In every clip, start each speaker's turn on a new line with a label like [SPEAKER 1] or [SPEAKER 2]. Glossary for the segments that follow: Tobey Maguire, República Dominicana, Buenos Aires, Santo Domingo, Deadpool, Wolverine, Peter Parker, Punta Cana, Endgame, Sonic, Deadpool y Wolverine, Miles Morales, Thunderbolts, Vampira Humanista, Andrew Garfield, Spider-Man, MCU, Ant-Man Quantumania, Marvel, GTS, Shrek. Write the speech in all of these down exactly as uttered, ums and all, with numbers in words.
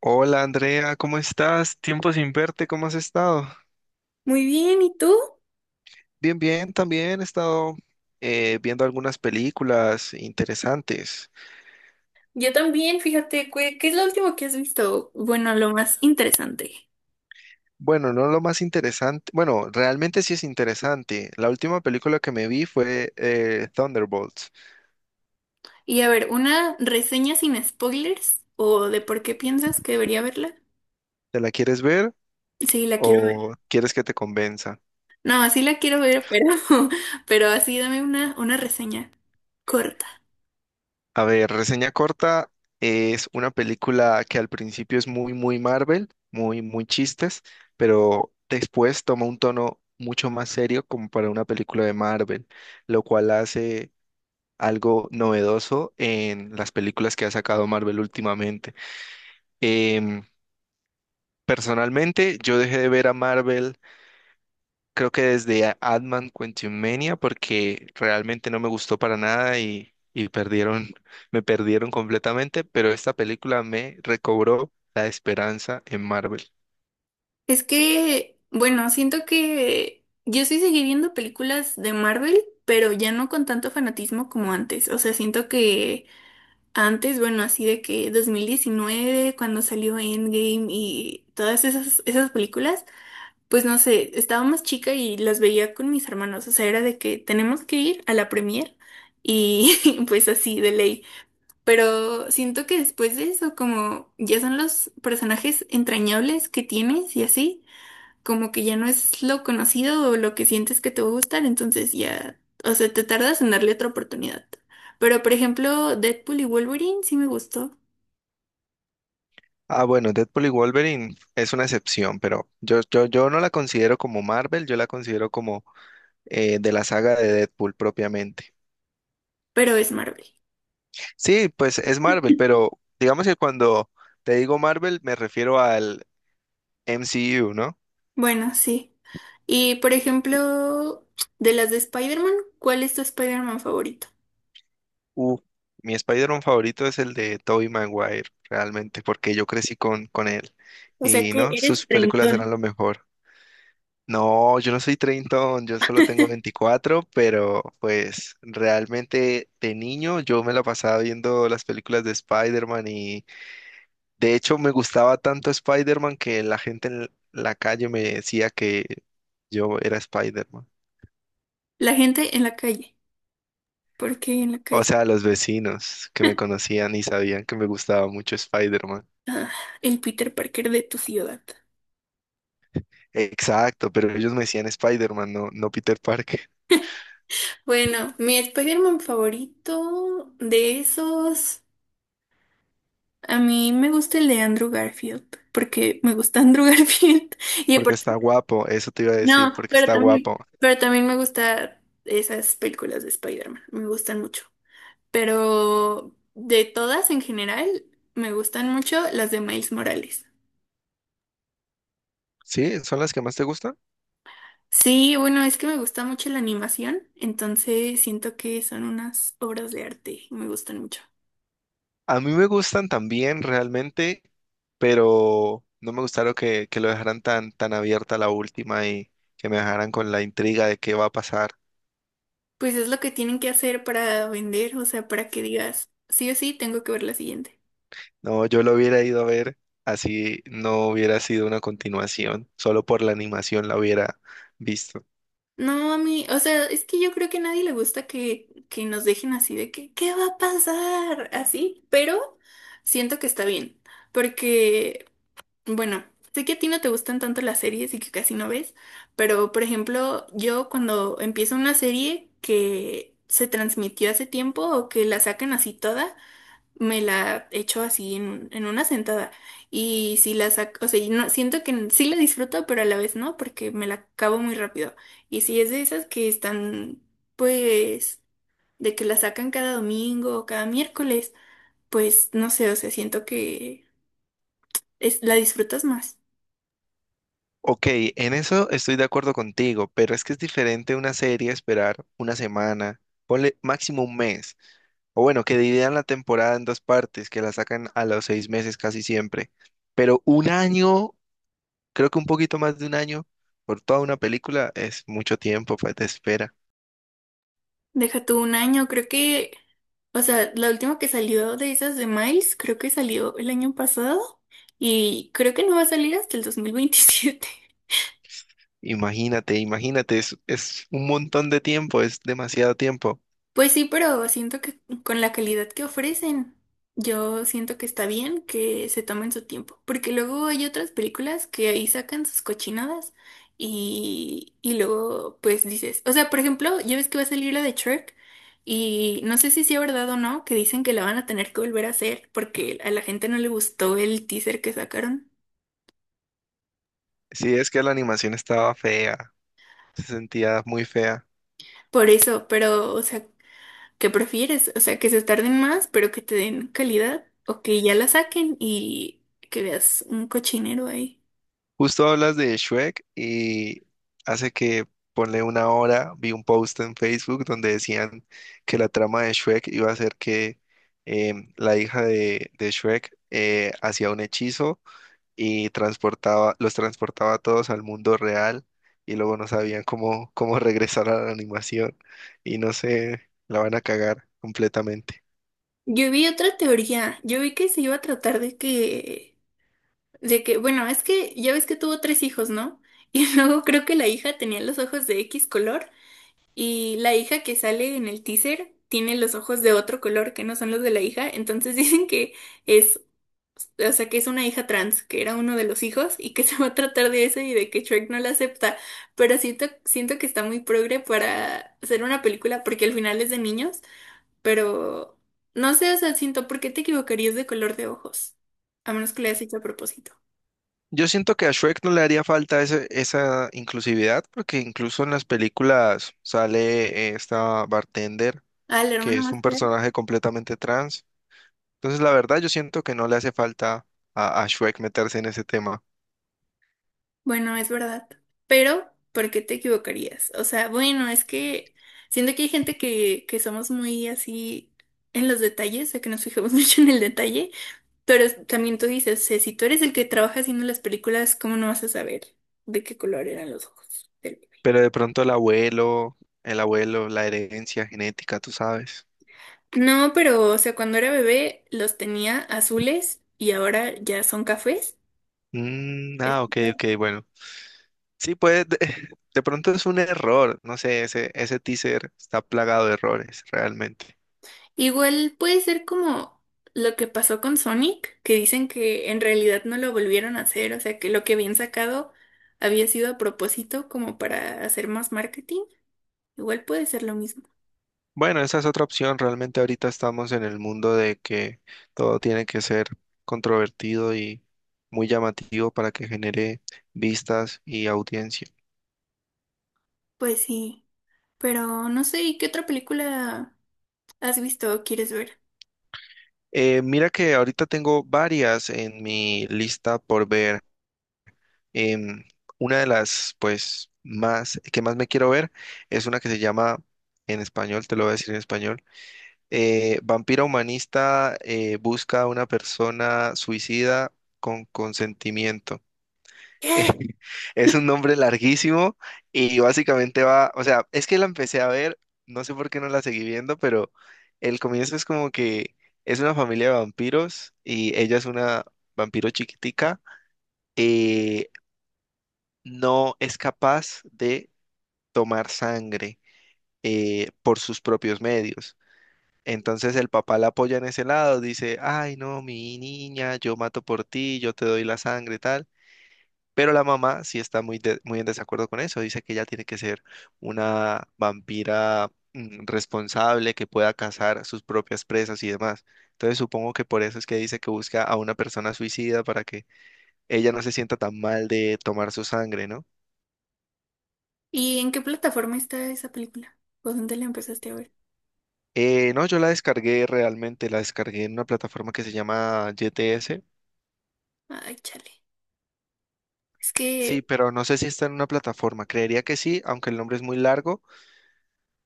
[SPEAKER 1] Hola Andrea, ¿cómo estás? Tiempo sin verte, ¿cómo has estado?
[SPEAKER 2] Muy bien, ¿y tú?
[SPEAKER 1] Bien, bien, también he estado eh, viendo algunas películas interesantes.
[SPEAKER 2] Yo también, fíjate, ¿qué, qué es lo último que has visto? Bueno, lo más interesante.
[SPEAKER 1] Bueno, no lo más interesante, bueno, realmente sí es interesante. La última película que me vi fue eh, Thunderbolts.
[SPEAKER 2] Y a ver, ¿una reseña sin spoilers? ¿O de por qué piensas que debería verla?
[SPEAKER 1] ¿Te la quieres ver
[SPEAKER 2] Sí, la quiero ver.
[SPEAKER 1] o quieres que te convenza?
[SPEAKER 2] No, sí la quiero ver, pero, pero así dame una, una reseña corta.
[SPEAKER 1] A ver, reseña corta es una película que al principio es muy, muy Marvel, muy, muy chistes, pero después toma un tono mucho más serio como para una película de Marvel, lo cual hace algo novedoso en las películas que ha sacado Marvel últimamente. Em, Personalmente, yo dejé de ver a Marvel creo que desde a- Ant-Man Quantumania, porque realmente no me gustó para nada y, y perdieron, me perdieron completamente, pero esta película me recobró la esperanza en Marvel.
[SPEAKER 2] Es que, bueno, siento que yo sí seguí viendo películas de Marvel, pero ya no con tanto fanatismo como antes. O sea, siento que... Antes, bueno, así de que dos mil diecinueve, cuando salió Endgame y todas esas, esas películas, pues no sé, estaba más chica y las veía con mis hermanos. O sea, era de que tenemos que ir a la premier y pues así de ley. Pero siento que después de eso, como ya son los personajes entrañables que tienes y así como que ya no es lo conocido o lo que sientes que te va a gustar, entonces ya, o sea, te tardas en darle otra oportunidad. Pero por ejemplo, Deadpool y Wolverine sí me gustó,
[SPEAKER 1] Ah, bueno, Deadpool y Wolverine es una excepción, pero yo, yo, yo no la considero como Marvel, yo la considero como eh, de la saga de Deadpool propiamente.
[SPEAKER 2] pero es Marvel.
[SPEAKER 1] Sí, pues es Marvel, pero digamos que cuando te digo Marvel me refiero al M C U, ¿no?
[SPEAKER 2] Bueno, sí. Y por ejemplo, de las de Spider-Man, ¿cuál es tu Spider-Man favorito?
[SPEAKER 1] Uh, Mi Spider-Man favorito es el de Tobey Maguire, realmente, porque yo crecí con, con él.
[SPEAKER 2] O sea
[SPEAKER 1] Y
[SPEAKER 2] que
[SPEAKER 1] no, sus
[SPEAKER 2] eres
[SPEAKER 1] películas eran lo
[SPEAKER 2] treintón.
[SPEAKER 1] mejor. No, yo no soy treintón, yo solo tengo veinticuatro, pero pues realmente de niño yo me la pasaba viendo las películas de Spider-Man y de hecho me gustaba tanto Spider-Man que la gente en la calle me decía que yo era Spider-Man.
[SPEAKER 2] La gente en la calle. ¿Por qué en la
[SPEAKER 1] O
[SPEAKER 2] calle?
[SPEAKER 1] sea, los vecinos que me conocían y sabían que me gustaba mucho Spider-Man.
[SPEAKER 2] El Peter Parker de tu ciudad.
[SPEAKER 1] Exacto, pero ellos me decían Spider-Man, no, no Peter Parker,
[SPEAKER 2] Bueno, mi Spider-Man favorito de esos. A mí me gusta el de Andrew Garfield, porque me gusta Andrew Garfield. Y
[SPEAKER 1] porque
[SPEAKER 2] aparte,
[SPEAKER 1] está guapo, eso te iba a decir,
[SPEAKER 2] no,
[SPEAKER 1] porque
[SPEAKER 2] pero
[SPEAKER 1] está
[SPEAKER 2] también,
[SPEAKER 1] guapo.
[SPEAKER 2] pero también me gusta esas películas de Spider-Man, me gustan mucho. Pero de todas en general, me gustan mucho las de Miles Morales.
[SPEAKER 1] ¿Sí? ¿Son las que más te gustan?
[SPEAKER 2] Sí, bueno, es que me gusta mucho la animación, entonces siento que son unas obras de arte y me gustan mucho.
[SPEAKER 1] A mí me gustan también realmente, pero no me gustaron que, que lo dejaran tan, tan abierta la última y que me dejaran con la intriga de qué va a pasar.
[SPEAKER 2] Pues es lo que tienen que hacer para vender, o sea, para que digas, sí o sí, tengo que ver la siguiente.
[SPEAKER 1] No, yo lo hubiera ido a ver, así no hubiera sido una continuación, solo por la animación la hubiera visto.
[SPEAKER 2] No, a mí, o sea, es que yo creo que a nadie le gusta que, que nos dejen así de que, ¿qué va a pasar? Así, pero siento que está bien, porque, bueno, sé que a ti no te gustan tanto las series y que casi no ves, pero, por ejemplo, yo cuando empiezo una serie que se transmitió hace tiempo o que la sacan así toda, me la echo así en, un- en una sentada. Y si la saco, o sea, y no, siento que sí la disfruto, pero a la vez no, porque me la acabo muy rápido. Y si es de esas que están, pues, de que la sacan cada domingo o cada miércoles, pues no sé, o sea, siento que es, la disfrutas más.
[SPEAKER 1] Ok, en eso estoy de acuerdo contigo, pero es que es diferente una serie esperar una semana, ponle máximo un mes, o bueno, que dividan la temporada en dos partes, que la sacan a los seis meses casi siempre, pero un año, creo que un poquito más de un año por toda una película es mucho tiempo pues, de espera.
[SPEAKER 2] Deja tú un año, creo que, o sea, la última que salió de esas de Miles, creo que salió el año pasado. Y creo que no va a salir hasta el dos mil veintisiete.
[SPEAKER 1] Imagínate, imagínate, es, es un montón de tiempo, es demasiado tiempo.
[SPEAKER 2] Pues sí, pero siento que con la calidad que ofrecen, yo siento que está bien que se tomen su tiempo, porque luego hay otras películas que ahí sacan sus cochinadas y, y luego pues dices, o sea, por ejemplo, ya ves que va a salir la de Shrek y no sé si sea verdad o no, que dicen que la van a tener que volver a hacer porque a la gente no le gustó el teaser que sacaron.
[SPEAKER 1] Sí, es que la animación estaba fea, se sentía muy fea.
[SPEAKER 2] Por eso, pero, o sea, ¿qué prefieres? O sea, que se tarden más, pero que te den calidad, o que ya la saquen y que veas un cochinero ahí.
[SPEAKER 1] Justo hablas de Shrek y hace que ponle una hora vi un post en Facebook donde decían que la trama de Shrek iba a ser que em, la hija de, de Shrek eh, hacía un hechizo y transportaba, los transportaba a todos al mundo real y luego no sabían cómo, cómo regresar a la animación y no sé, la van a cagar completamente.
[SPEAKER 2] Yo vi otra teoría, yo vi que se iba a tratar de que, de que, bueno, es que ya ves que tuvo tres hijos, ¿no? Y luego creo que la hija tenía los ojos de X color y la hija que sale en el teaser tiene los ojos de otro color que no son los de la hija, entonces dicen que es. O sea, que es una hija trans, que era uno de los hijos y que se va a tratar de eso y de que Shrek no la acepta. Pero siento, siento que está muy progre para hacer una película porque al final es de niños, pero no sé, o sea, siento, ¿por qué te equivocarías de color de ojos? A menos que lo hayas hecho a propósito.
[SPEAKER 1] Yo siento que a Shrek no le haría falta ese- esa inclusividad, porque incluso en las películas sale eh, esta bartender,
[SPEAKER 2] Ah, la
[SPEAKER 1] que
[SPEAKER 2] hermana
[SPEAKER 1] es un
[SPEAKER 2] más fea.
[SPEAKER 1] personaje completamente trans. Entonces, la verdad, yo siento que no le hace falta a, a Shrek meterse en ese tema.
[SPEAKER 2] Bueno, es verdad. Pero, ¿por qué te equivocarías? O sea, bueno, es que siento que hay gente que, que somos muy así en los detalles, o sea, que nos fijamos mucho en el detalle. Pero también tú dices, "Sé, si tú eres el que trabaja haciendo las películas, ¿cómo no vas a saber de qué color eran los ojos del bebé?
[SPEAKER 1] Pero de pronto el abuelo, el abuelo, la herencia genética, tú sabes.
[SPEAKER 2] No, pero, o sea, cuando era bebé los tenía azules y ahora ya son cafés.
[SPEAKER 1] Mm,
[SPEAKER 2] Es
[SPEAKER 1] ah, ok,
[SPEAKER 2] claro.
[SPEAKER 1] ok, bueno. Sí, pues de, de pronto es un error, no sé, ese, ese teaser está plagado de errores, realmente.
[SPEAKER 2] Igual puede ser como lo que pasó con Sonic, que dicen que en realidad no lo volvieron a hacer, o sea, que lo que habían sacado había sido a propósito como para hacer más marketing. Igual puede ser lo mismo.
[SPEAKER 1] Bueno, esa es otra opción. Realmente ahorita estamos en el mundo de que todo tiene que ser controvertido y muy llamativo para que genere vistas y audiencia.
[SPEAKER 2] Pues sí, pero no sé, ¿y qué otra película has visto o quieres ver?
[SPEAKER 1] Eh, mira que ahorita tengo varias en mi lista por ver. Em, una de las, pues, más que más me quiero ver es una que se llama, en español, te lo voy a decir en español, eh, Vampira Humanista eh, busca a una persona suicida con consentimiento.
[SPEAKER 2] ¿Qué?
[SPEAKER 1] Es un nombre larguísimo y básicamente va, o sea, es que la empecé a ver, no sé por qué no la seguí viendo, pero el comienzo es como que es una familia de vampiros y ella es una vampiro chiquitica y no es capaz de tomar sangre eh, por sus propios medios. Entonces el papá la apoya en ese lado, dice, ay no, mi niña, yo mato por ti, yo te doy la sangre y tal. Pero la mamá sí está muy, de- muy en desacuerdo con eso. Dice que ella tiene que ser una vampira mm, responsable que pueda cazar a sus propias presas y demás. Entonces supongo que por eso es que dice que busca a una persona suicida para que ella no se sienta tan mal de tomar su sangre, ¿no?
[SPEAKER 2] ¿Y en qué plataforma está esa película? ¿O dónde la empezaste a ver?
[SPEAKER 1] Eh, no, yo la descargué realmente, la descargué en una plataforma que se llama G T S.
[SPEAKER 2] Ay, chale. Es
[SPEAKER 1] Sí,
[SPEAKER 2] que,
[SPEAKER 1] pero no sé si está en una plataforma. Creería que sí, aunque el nombre es muy largo,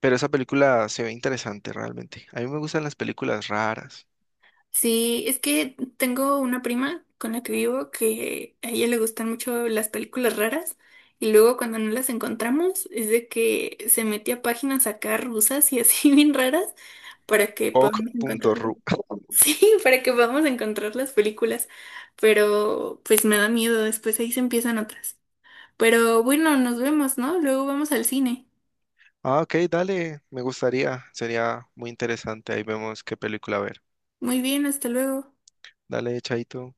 [SPEAKER 1] pero esa película se ve interesante realmente. A mí me gustan las películas raras.
[SPEAKER 2] sí, es que tengo una prima con la que vivo que a ella le gustan mucho las películas raras y luego cuando no las encontramos es de que se mete a páginas acá rusas y así bien raras para que podamos encontrar,
[SPEAKER 1] Ok.ru.
[SPEAKER 2] sí, para que podamos encontrar las películas, pero pues me da miedo, después ahí se empiezan otras. Pero bueno, nos vemos, ¿no? Luego vamos al cine.
[SPEAKER 1] Ah, ok, dale, me gustaría, sería muy interesante. Ahí vemos qué película ver.
[SPEAKER 2] Muy bien, hasta luego.
[SPEAKER 1] Dale, chaito.